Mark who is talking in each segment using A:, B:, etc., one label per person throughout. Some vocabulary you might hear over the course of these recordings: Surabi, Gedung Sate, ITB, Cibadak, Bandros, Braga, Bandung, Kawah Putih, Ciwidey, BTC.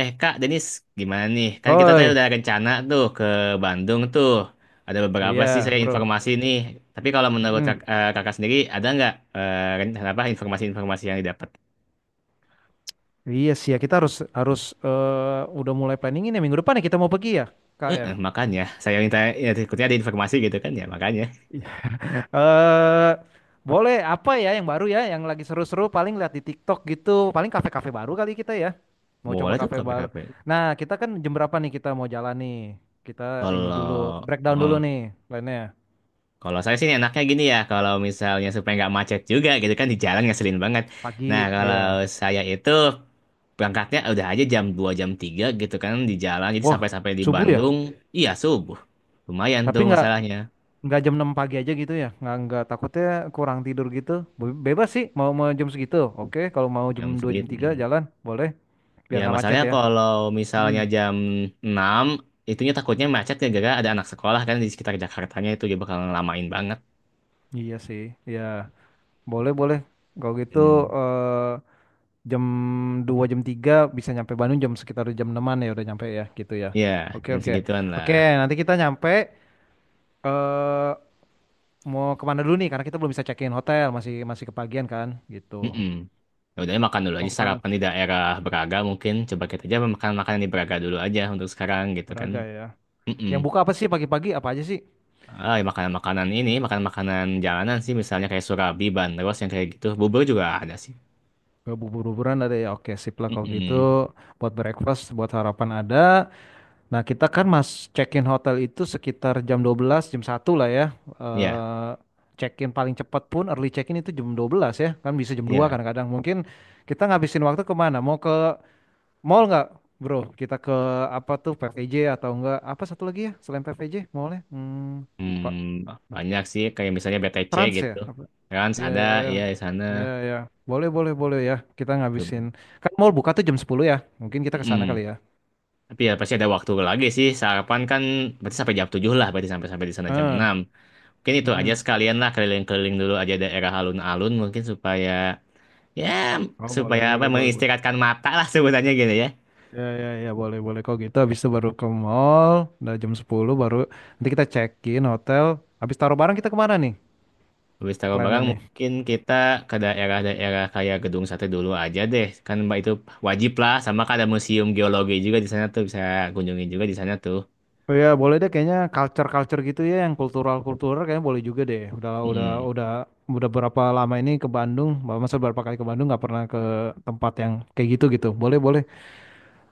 A: Kak Denis, gimana nih? Kan kita tadi
B: Oi,
A: udah rencana tuh ke Bandung tuh. Ada beberapa
B: iya
A: sih saya
B: bro.
A: informasi nih. Tapi kalau menurut
B: Mm-mm.
A: kakak sendiri, ada nggak rencana apa informasi-informasi yang didapat?
B: Iya sih ya, kita harus harus udah mulai planningin ya minggu depan ya kita mau pergi ya, Kak ya.
A: Makanya saya minta ya, ikutnya ada informasi gitu kan ya makanya.
B: Iya. Eh, Boleh apa ya yang baru ya, yang lagi seru-seru paling lihat di TikTok gitu, paling kafe-kafe baru kali kita ya. Mau coba
A: Boleh tuh
B: kafe baru.
A: KPKP.
B: Nah, kita kan jam berapa nih kita mau jalan nih? Kita ini
A: Kalau
B: dulu breakdown dulu
A: oh,
B: nih plannya.
A: Kalau saya sih enaknya gini ya, kalau misalnya supaya nggak macet juga gitu kan di jalan ngeselin banget.
B: Pagi,
A: Nah, kalau
B: ya.
A: saya itu berangkatnya udah aja jam 2 jam 3, gitu kan di jalan jadi
B: Wah,
A: sampai-sampai di
B: subuh ya?
A: Bandung iya subuh. Lumayan
B: Tapi
A: tuh masalahnya
B: nggak jam 6 pagi aja gitu ya nggak takutnya kurang tidur gitu. Bebas sih mau mau jam segitu, oke kalau mau jam
A: jam
B: 2 jam
A: segitu.
B: 3
A: Hmm.
B: jalan boleh biar
A: Ya
B: nggak macet
A: masalahnya
B: ya.
A: kalau
B: Hmm.
A: misalnya jam 6, itunya takutnya macet gara-gara ada anak sekolah kan di sekitar Jakartanya itu dia bakal ngelamain banget.
B: Iya sih ya, boleh boleh kalau gitu.
A: Hmm.
B: eh, jam 2 jam 3 bisa nyampe Bandung jam sekitar jam 6-an ya udah nyampe ya gitu ya.
A: Ya,
B: Oke,
A: jam
B: oke,
A: segituan
B: oke.
A: lah.
B: Nanti kita nyampe eh mau kemana dulu nih karena kita belum bisa check-in hotel, masih masih kepagian kan gitu.
A: Mm-mm. Ya udah makan dulu
B: Mau
A: aja
B: kemana?
A: sarapan di daerah Braga mungkin coba kita aja makan-makanan di Braga dulu aja untuk sekarang gitu kan.
B: Beraga ya,
A: Mm-mm.
B: yang buka apa sih pagi-pagi, apa aja sih?
A: Ah, ya makanan-makanan ini, makan-makanan jalanan sih misalnya kayak Surabi, Bandros yang kayak gitu. Bubur juga ada sih.
B: Bubur-buburan ada ya, oke sip lah kalau gitu.
A: Mm-mm.
B: Buat breakfast, buat harapan ada. Nah kita kan mas check-in hotel itu sekitar jam 12, jam 1 lah ya.
A: Iya,
B: Eh Check-in paling cepat pun early check-in itu jam 12 ya. Kan bisa jam 2
A: iya.
B: kadang-kadang. Mungkin kita ngabisin waktu kemana? Mau ke mall nggak bro? Kita ke apa tuh PVJ atau enggak? Apa satu lagi ya selain PVJ mallnya? Hmm, lupa.
A: Hmm, banyak sih kayak misalnya BTC
B: Trans ya?
A: gitu.
B: Apa?
A: Trans
B: Iya,
A: ada,
B: iya, iya.
A: iya di sana.
B: Iya, iya. Boleh, boleh, boleh ya. Kita ngabisin. Kan mall buka tuh jam 10 ya. Mungkin kita ke sana kali
A: mm
B: ya.
A: Tapi ya pasti ada waktu lagi sih. Sarapan kan berarti sampai jam 7 lah, berarti sampai sampai di sana jam
B: Ah,
A: 6. Mungkin itu aja
B: mm-mm.
A: sekalian lah keliling-keliling dulu aja daerah alun-alun mungkin supaya ya
B: Oh, boleh,
A: supaya apa
B: boleh, boleh, boleh.
A: mengistirahatkan mata lah sebutannya gitu ya.
B: Ya, ya, ya, boleh, boleh. Kok gitu, habis itu baru ke mall, udah jam 10 baru nanti kita check-in hotel. Habis taruh barang kita kemana nih
A: Habis taruh
B: plannya
A: barang
B: nih?
A: mungkin kita ke daerah-daerah kayak Gedung Sate dulu aja deh. Kan Mbak itu wajib lah sama kan ada museum geologi juga di sana tuh bisa kunjungi juga di sana tuh.
B: Oh ya, boleh deh, kayaknya culture-culture gitu ya, yang kultural-kultural kayaknya boleh juga deh. Udah udah
A: Mm-mm.
B: udah udah berapa lama ini ke Bandung, masa berapa kali ke Bandung nggak pernah ke tempat yang kayak gitu gitu. Boleh, boleh.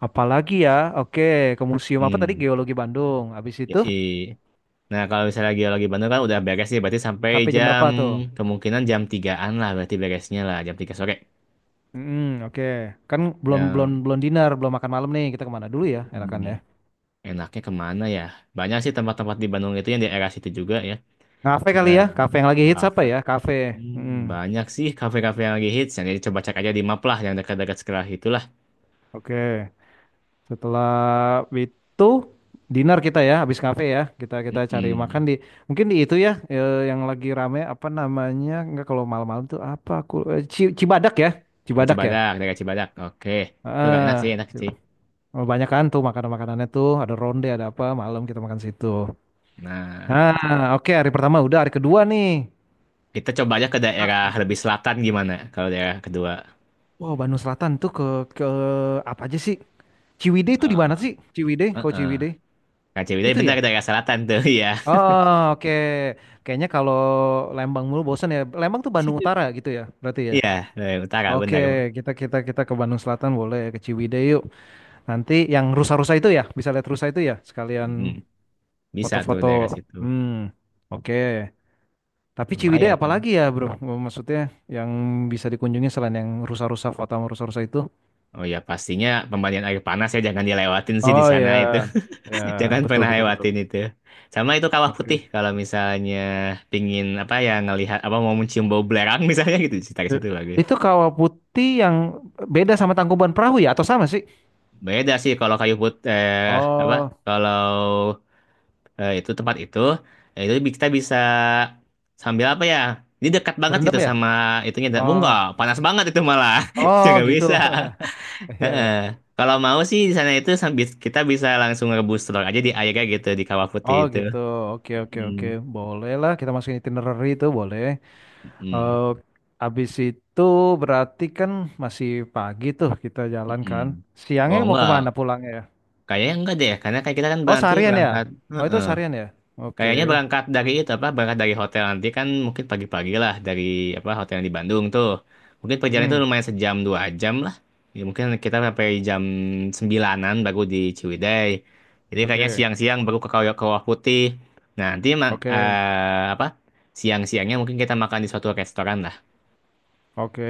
B: Apalagi ya, oke, ke museum apa tadi?
A: Hmm.
B: Geologi Bandung. Habis itu
A: Yoi. Nah, kalau misalnya geologi Bandung kan udah beres sih, berarti sampai
B: sampai jam
A: jam
B: berapa tuh?
A: kemungkinan jam tigaan lah berarti beresnya lah jam 3 sore.
B: Hmm, oke. Kan belum belum
A: Ya.
B: belum dinner, belum makan malam nih. Kita kemana dulu ya? Enakan
A: Hmm.
B: ya.
A: Enaknya kemana ya? Banyak sih tempat-tempat di Bandung itu yang di daerah situ juga ya.
B: Kafe
A: Cuma
B: kali ya, kafe yang lagi hits apa
A: kafe.
B: ya? Kafe. Hmm,
A: Banyak sih kafe-kafe yang lagi hits. Yang coba cek aja di map lah, yang dekat-dekat sekolah itulah.
B: oke. Setelah itu dinner kita ya, habis kafe ya. Kita kita cari makan
A: Mm-mm.
B: di mungkin di itu ya, yang lagi rame apa namanya? Enggak kalau malam-malam tuh apa aku Cibadak ya?
A: Oh,
B: Cibadak ya?
A: Cibadak, daerah Cibadak. Oke, itu agak
B: Ah.
A: enak sih, enak sih.
B: Oh, banyak kan tuh makanan-makanannya tuh, ada ronde, ada apa, malam kita makan situ.
A: Nah,
B: Nah, oke, hari pertama udah, hari kedua nih.
A: kita coba aja ke daerah lebih selatan gimana? Kalau daerah kedua,
B: Wow, Bandung Selatan tuh ke apa aja sih? Ciwidey itu di mana sih? Ciwidey, kau
A: heeh.
B: Ciwidey.
A: Kak Ciwidey
B: Itu
A: benar
B: ya?
A: daerah selatan tuh, iya,
B: Oh, oke. Kayaknya kalau Lembang mulu bosan ya. Lembang tuh Bandung Utara gitu ya, berarti ya.
A: iya, daerah utara
B: Oke,
A: benar.
B: kita kita kita ke Bandung Selatan, boleh ke Ciwidey yuk. Nanti yang rusa-rusa itu ya, bisa lihat rusa itu ya,
A: Mm,
B: sekalian
A: bisa tuh
B: foto-foto.
A: daerah situ,
B: Hmm, oke. Tapi Ciwidey
A: lumayan.
B: apalagi ya bro? Maksudnya yang bisa dikunjungi selain yang rusa-rusa, foto sama rusa-rusa itu?
A: Oh ya pastinya pemandian air panas ya jangan dilewatin sih di
B: Oh
A: sana
B: ya,
A: itu.
B: ya
A: Jangan
B: betul
A: pernah
B: betul betul.
A: lewatin itu. Sama itu kawah putih
B: Oke.
A: kalau misalnya pingin apa ya ngelihat apa mau mencium bau belerang misalnya gitu di sekitar
B: Eh,
A: situ bagus.
B: Itu kawah putih yang beda sama Tangkuban Perahu ya? Atau sama sih?
A: Beda sih kalau kayu put eh apa
B: Oh,
A: kalau eh, itu tempat itu, kita bisa sambil apa ya? Ini dekat banget
B: berendam
A: gitu
B: ya?
A: sama itunya.
B: oh,
A: Enggak, panas banget itu malah.
B: oh
A: nggak
B: gitu.
A: bisa.
B: Iya ya.
A: Heeh. Kalau mau sih di sana itu sambil kita bisa langsung rebus telur aja di airnya gitu di kawah putih
B: Oh
A: itu.
B: gitu. Oke, oke,
A: Mm,
B: oke. Boleh lah kita masukin itinerary itu, boleh.
A: mm.
B: Eh Habis itu berarti kan masih pagi tuh kita jalan kan.
A: Mm-mm.
B: Siangnya
A: Oh
B: mau
A: enggak,
B: kemana pulangnya, ya?
A: kayaknya enggak deh, karena kayak kita kan
B: Oh,
A: berarti
B: seharian ya?
A: berangkat.
B: Oh, itu
A: Heeh.
B: seharian ya?
A: Kayaknya
B: Oke.
A: berangkat dari itu apa, berangkat dari hotel nanti kan mungkin pagi-pagi lah dari apa hotel yang di Bandung tuh, mungkin perjalanan itu
B: Mm,
A: lumayan sejam dua jam lah, ya, mungkin kita sampai jam sembilanan baru di Ciwidey, jadi kayaknya
B: oke.
A: siang-siang baru ke Kawah Kawah Putih, nah nanti
B: Oke.
A: apa siang-siangnya mungkin kita makan di suatu restoran.
B: Oke.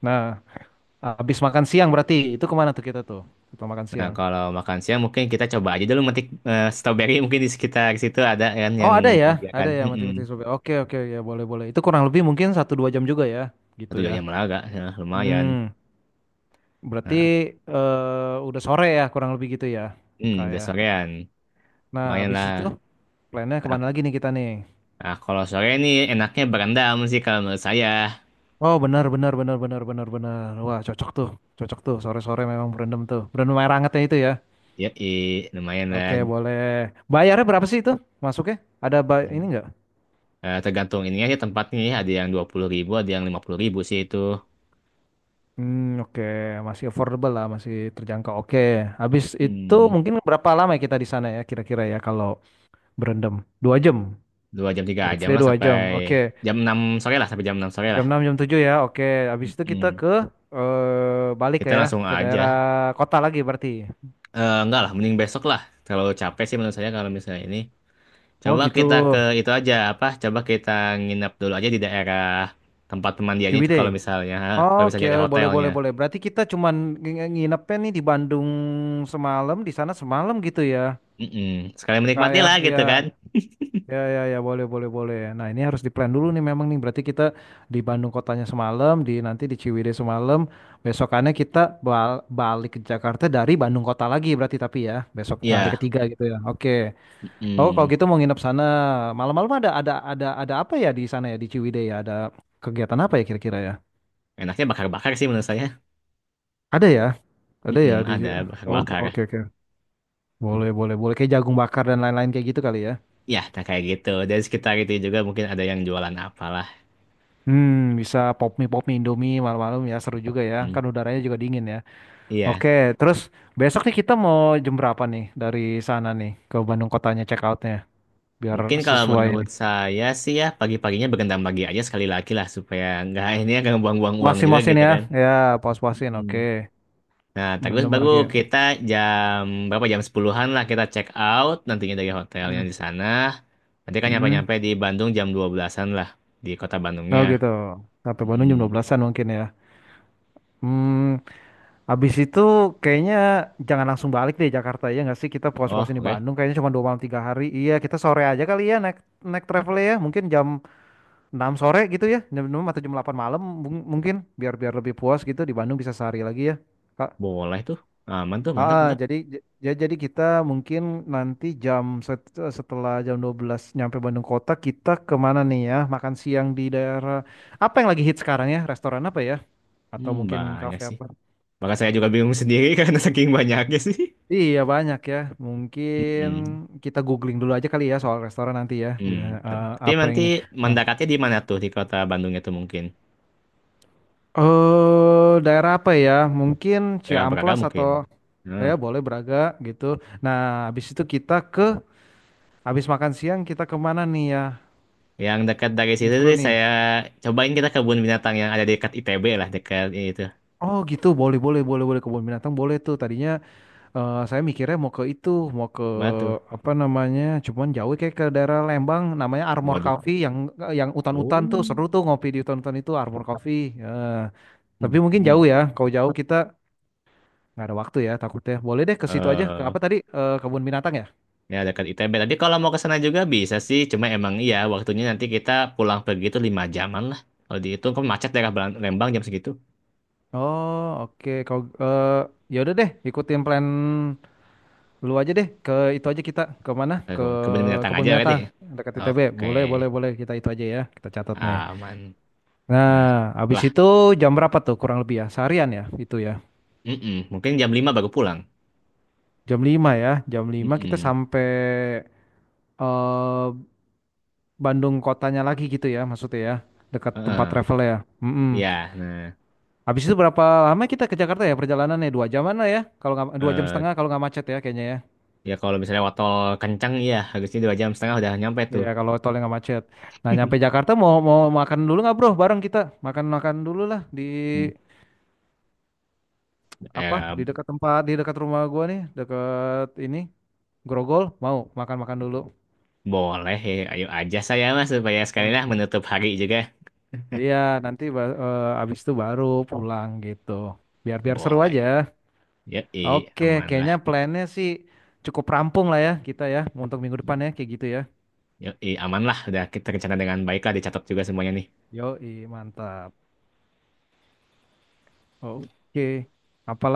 B: Nah, habis makan siang berarti itu kemana tuh kita tuh? Setelah makan
A: Nah,
B: siang.
A: kalau makan siang mungkin kita coba aja dulu metik strawberry mungkin di sekitar situ ada kan
B: Oh,
A: yang
B: ada ya?
A: menyediakan.
B: Ada ya,
A: Mm-mm.
B: mati-mati sobek. Oke, oke, ya boleh-boleh. Itu kurang lebih mungkin satu dua jam juga ya, gitu
A: Satu dua
B: ya.
A: jam agak, lumayan.
B: Hmm, berarti
A: Nah,
B: udah sore ya, kurang lebih gitu ya,
A: udah
B: kayak.
A: sorean.
B: Nah,
A: Lumayan
B: habis
A: lah.
B: itu plannya
A: Nah,
B: kemana lagi nih kita nih?
A: nah, kalau sore ini enaknya berendam sih kalau menurut saya.
B: Oh, benar, benar, benar, benar, benar, benar. Wah, cocok tuh, cocok tuh. Sore-sore memang berendam tuh. Berendam air hangatnya itu ya.
A: Ya, lumayan lah.
B: Oke, boleh. Bayarnya berapa sih itu masuknya? Ada ini nggak?
A: Eh, tergantung ininya aja tempatnya ya. Ada yang 20.000, ada yang 50.000 sih itu.
B: Hmm, oke, masih affordable lah, masih terjangkau. Oke, habis itu
A: Hmm,
B: mungkin berapa lama ya kita di sana ya kira-kira ya kalau berendam? 2 jam,
A: dua jam tiga
B: let's
A: jam
B: say
A: lah
B: dua jam. Oke,
A: sampai jam 6 sore
B: Jam
A: lah.
B: enam, jam tujuh ya. Oke, habis itu kita
A: mm
B: ke balik
A: Kita
B: ya
A: langsung
B: ke daerah
A: aja.
B: kota lagi berarti.
A: Eh, enggak lah, mending besok lah. Terlalu capek sih menurut saya kalau misalnya ini.
B: Oh
A: Coba
B: gitu,
A: kita ke itu aja apa? Coba kita nginep dulu aja di daerah tempat pemandiannya itu kalau
B: Ciwidey.
A: misalnya, ha, kalau
B: Oke,
A: misalnya ada
B: boleh
A: hotelnya.
B: boleh boleh. Berarti kita cuman nginepnya nih di Bandung semalam, di sana semalam gitu ya.
A: Mm-mm. Sekali
B: Kak
A: menikmati
B: ya,
A: lah
B: iya,
A: gitu kan?
B: ya, ya, ya, boleh, boleh, boleh. Nah, ini harus diplan dulu nih memang nih. Berarti kita di Bandung kotanya semalam, di nanti di Ciwidey semalam. Besokannya kita balik ke Jakarta dari Bandung kota lagi berarti, tapi ya besok hari
A: Iya.
B: ketiga gitu ya. Oke. Oh, kalau
A: Mm.
B: gitu mau nginep sana, malam-malam ada apa ya di sana ya di Ciwidey ya? Ada kegiatan apa ya kira-kira ya?
A: Enaknya bakar-bakar sih menurut saya.
B: Ada ya, ada
A: Mm-mm,
B: ya di.
A: ada
B: Oke,
A: bakar-bakar.
B: oke, oke. Boleh, boleh, boleh. Kayak jagung bakar dan lain-lain kayak gitu kali ya.
A: Ya, nah kayak gitu. Dari sekitar itu juga mungkin ada yang jualan apalah.
B: Hmm, bisa pop mie Indomie malam-malam ya, seru juga ya.
A: Mm.
B: Kan udaranya juga dingin ya.
A: Iya.
B: Oke, terus besok nih kita mau jam berapa nih dari sana nih ke Bandung kotanya check outnya biar
A: Mungkin kalau
B: sesuai
A: menurut
B: nih.
A: saya sih ya pagi-paginya berendam pagi aja sekali lagi lah supaya nggak ini ya nggak buang-buang uang juga
B: Puasin-puasin
A: gitu
B: ya,
A: kan.
B: ya puas-puasin.
A: Hmm.
B: Oke,
A: Nah, terus
B: berendam
A: baru
B: lagi.
A: kita jam jam sepuluhan lah kita check out nantinya dari hotel yang
B: Hmm.
A: di sana. Nanti kan
B: Hmm.
A: nyampe-nyampe di Bandung jam 12-an lah di kota Bandungnya.
B: Oh gitu. Sampai Bandung jam
A: Hmm.
B: 12-an mungkin ya. Hmm, habis itu kayaknya jangan langsung balik deh Jakarta ya nggak sih, kita
A: Oh,
B: puas-puasin di
A: oke.
B: Bandung, kayaknya cuma 2 malam 3 hari. Iya, kita sore aja kali ya, naik naik travel ya mungkin jam 6 sore gitu ya, jam 6 atau jam 8 malam mungkin biar biar lebih puas gitu di Bandung, bisa sehari lagi ya. Kak.
A: Boleh tuh. Aman tuh,
B: Ah,
A: mantap,
B: ah,
A: mantap.
B: jadi ya jadi kita mungkin nanti jam setelah jam 12 nyampe Bandung kota, kita kemana nih ya? Makan siang di daerah apa yang lagi hit sekarang ya? Restoran apa ya? Atau
A: Hmm,
B: mungkin
A: banyak
B: kafe
A: sih.
B: apa?
A: Maka saya juga bingung sendiri karena saking banyaknya sih.
B: Iya banyak ya. Mungkin
A: Hmm.
B: kita googling dulu aja kali ya soal restoran nanti ya.
A: Hmm. Tapi
B: Apa yang
A: nanti
B: ini? Nah,
A: mendekatnya di mana tuh di kota Bandungnya tuh mungkin?
B: daerah apa ya? Mungkin
A: Daerah Braga
B: Ciamplas
A: mungkin.
B: atau. Ya
A: Hmm.
B: boleh Braga gitu. Nah, habis itu kita ke habis makan siang kita kemana nih ya?
A: Yang dekat dari
B: Yang
A: situ
B: seru
A: deh
B: nih.
A: saya cobain kita kebun binatang yang ada dekat ITB lah, dekat itu.
B: Oh gitu, boleh boleh boleh boleh, kebun binatang boleh tuh. Tadinya saya mikirnya mau ke itu, mau ke
A: Mana tuh?
B: apa namanya? Cuman jauh kayak ke daerah Lembang, namanya Armor
A: Waduh.
B: Coffee yang hutan-hutan
A: Oh.
B: tuh, seru tuh ngopi di hutan-hutan itu, Armor Coffee. Eh, tapi
A: Hmm.
B: mungkin
A: Hmm.
B: jauh ya. Kalau jauh kita nggak ada waktu ya takutnya. Boleh deh ke situ aja. Ke
A: Eh,
B: apa tadi? Kebun binatang ya?
A: ya dekat ITB. Tadi kalau mau ke sana juga bisa sih, cuma emang iya waktunya nanti kita pulang pergi itu lima jaman lah. Kalau dihitung kan macet daerah Lembang jam segitu.
B: Oh oke, kalau ya udah deh ikutin plan lu aja deh, ke itu aja, kita ke mana?
A: Eh,
B: Ke
A: kebun kebun binatang
B: kebun
A: aja berarti
B: binatang
A: ya.
B: dekat ITB.
A: Oke,
B: Boleh, boleh, boleh, kita itu aja ya. Kita catat nih.
A: aman. Nah,
B: Nah, habis
A: lah,
B: itu jam berapa tuh kurang lebih ya? Seharian ya itu ya.
A: mm-mm. Mungkin jam 5 baru pulang.
B: Jam 5 ya. Jam 5 kita
A: Mm-mm.
B: sampai eh Bandung kotanya lagi gitu ya maksudnya ya. Dekat tempat
A: Heeh.
B: travel ya. Mm-mm.
A: Ya, nah,
B: Habis itu berapa lama kita ke Jakarta ya perjalanannya? 2 jaman lah ya. Kalau nggak dua jam
A: eh,
B: setengah kalau nggak macet ya kayaknya ya.
A: ya kalau misalnya waktu kencang ya harusnya dua jam setengah udah nyampe tuh.
B: Iya, kalau tolnya nggak macet. Nah, nyampe Jakarta mau mau makan dulu nggak bro? Bareng kita makan-makan dulu lah di
A: Hmm,
B: apa?
A: Eh,
B: Di dekat tempat, di dekat rumah gua nih, dekat ini Grogol. Mau makan-makan dulu.
A: boleh ya, ayo aja saya mas supaya sekali
B: Hmm.
A: lah menutup hari juga.
B: Iya, nanti abis itu baru pulang gitu. Biar-biar seru
A: Boleh.
B: aja.
A: Yoi,
B: Oke,
A: aman lah.
B: kayaknya plannya sih cukup rampung lah ya kita ya untuk minggu depan ya kayak gitu ya.
A: Yoi, aman lah. Udah kita rencana dengan baik lah dicatat juga semuanya nih.
B: Yoi, mantap. Oke. Apa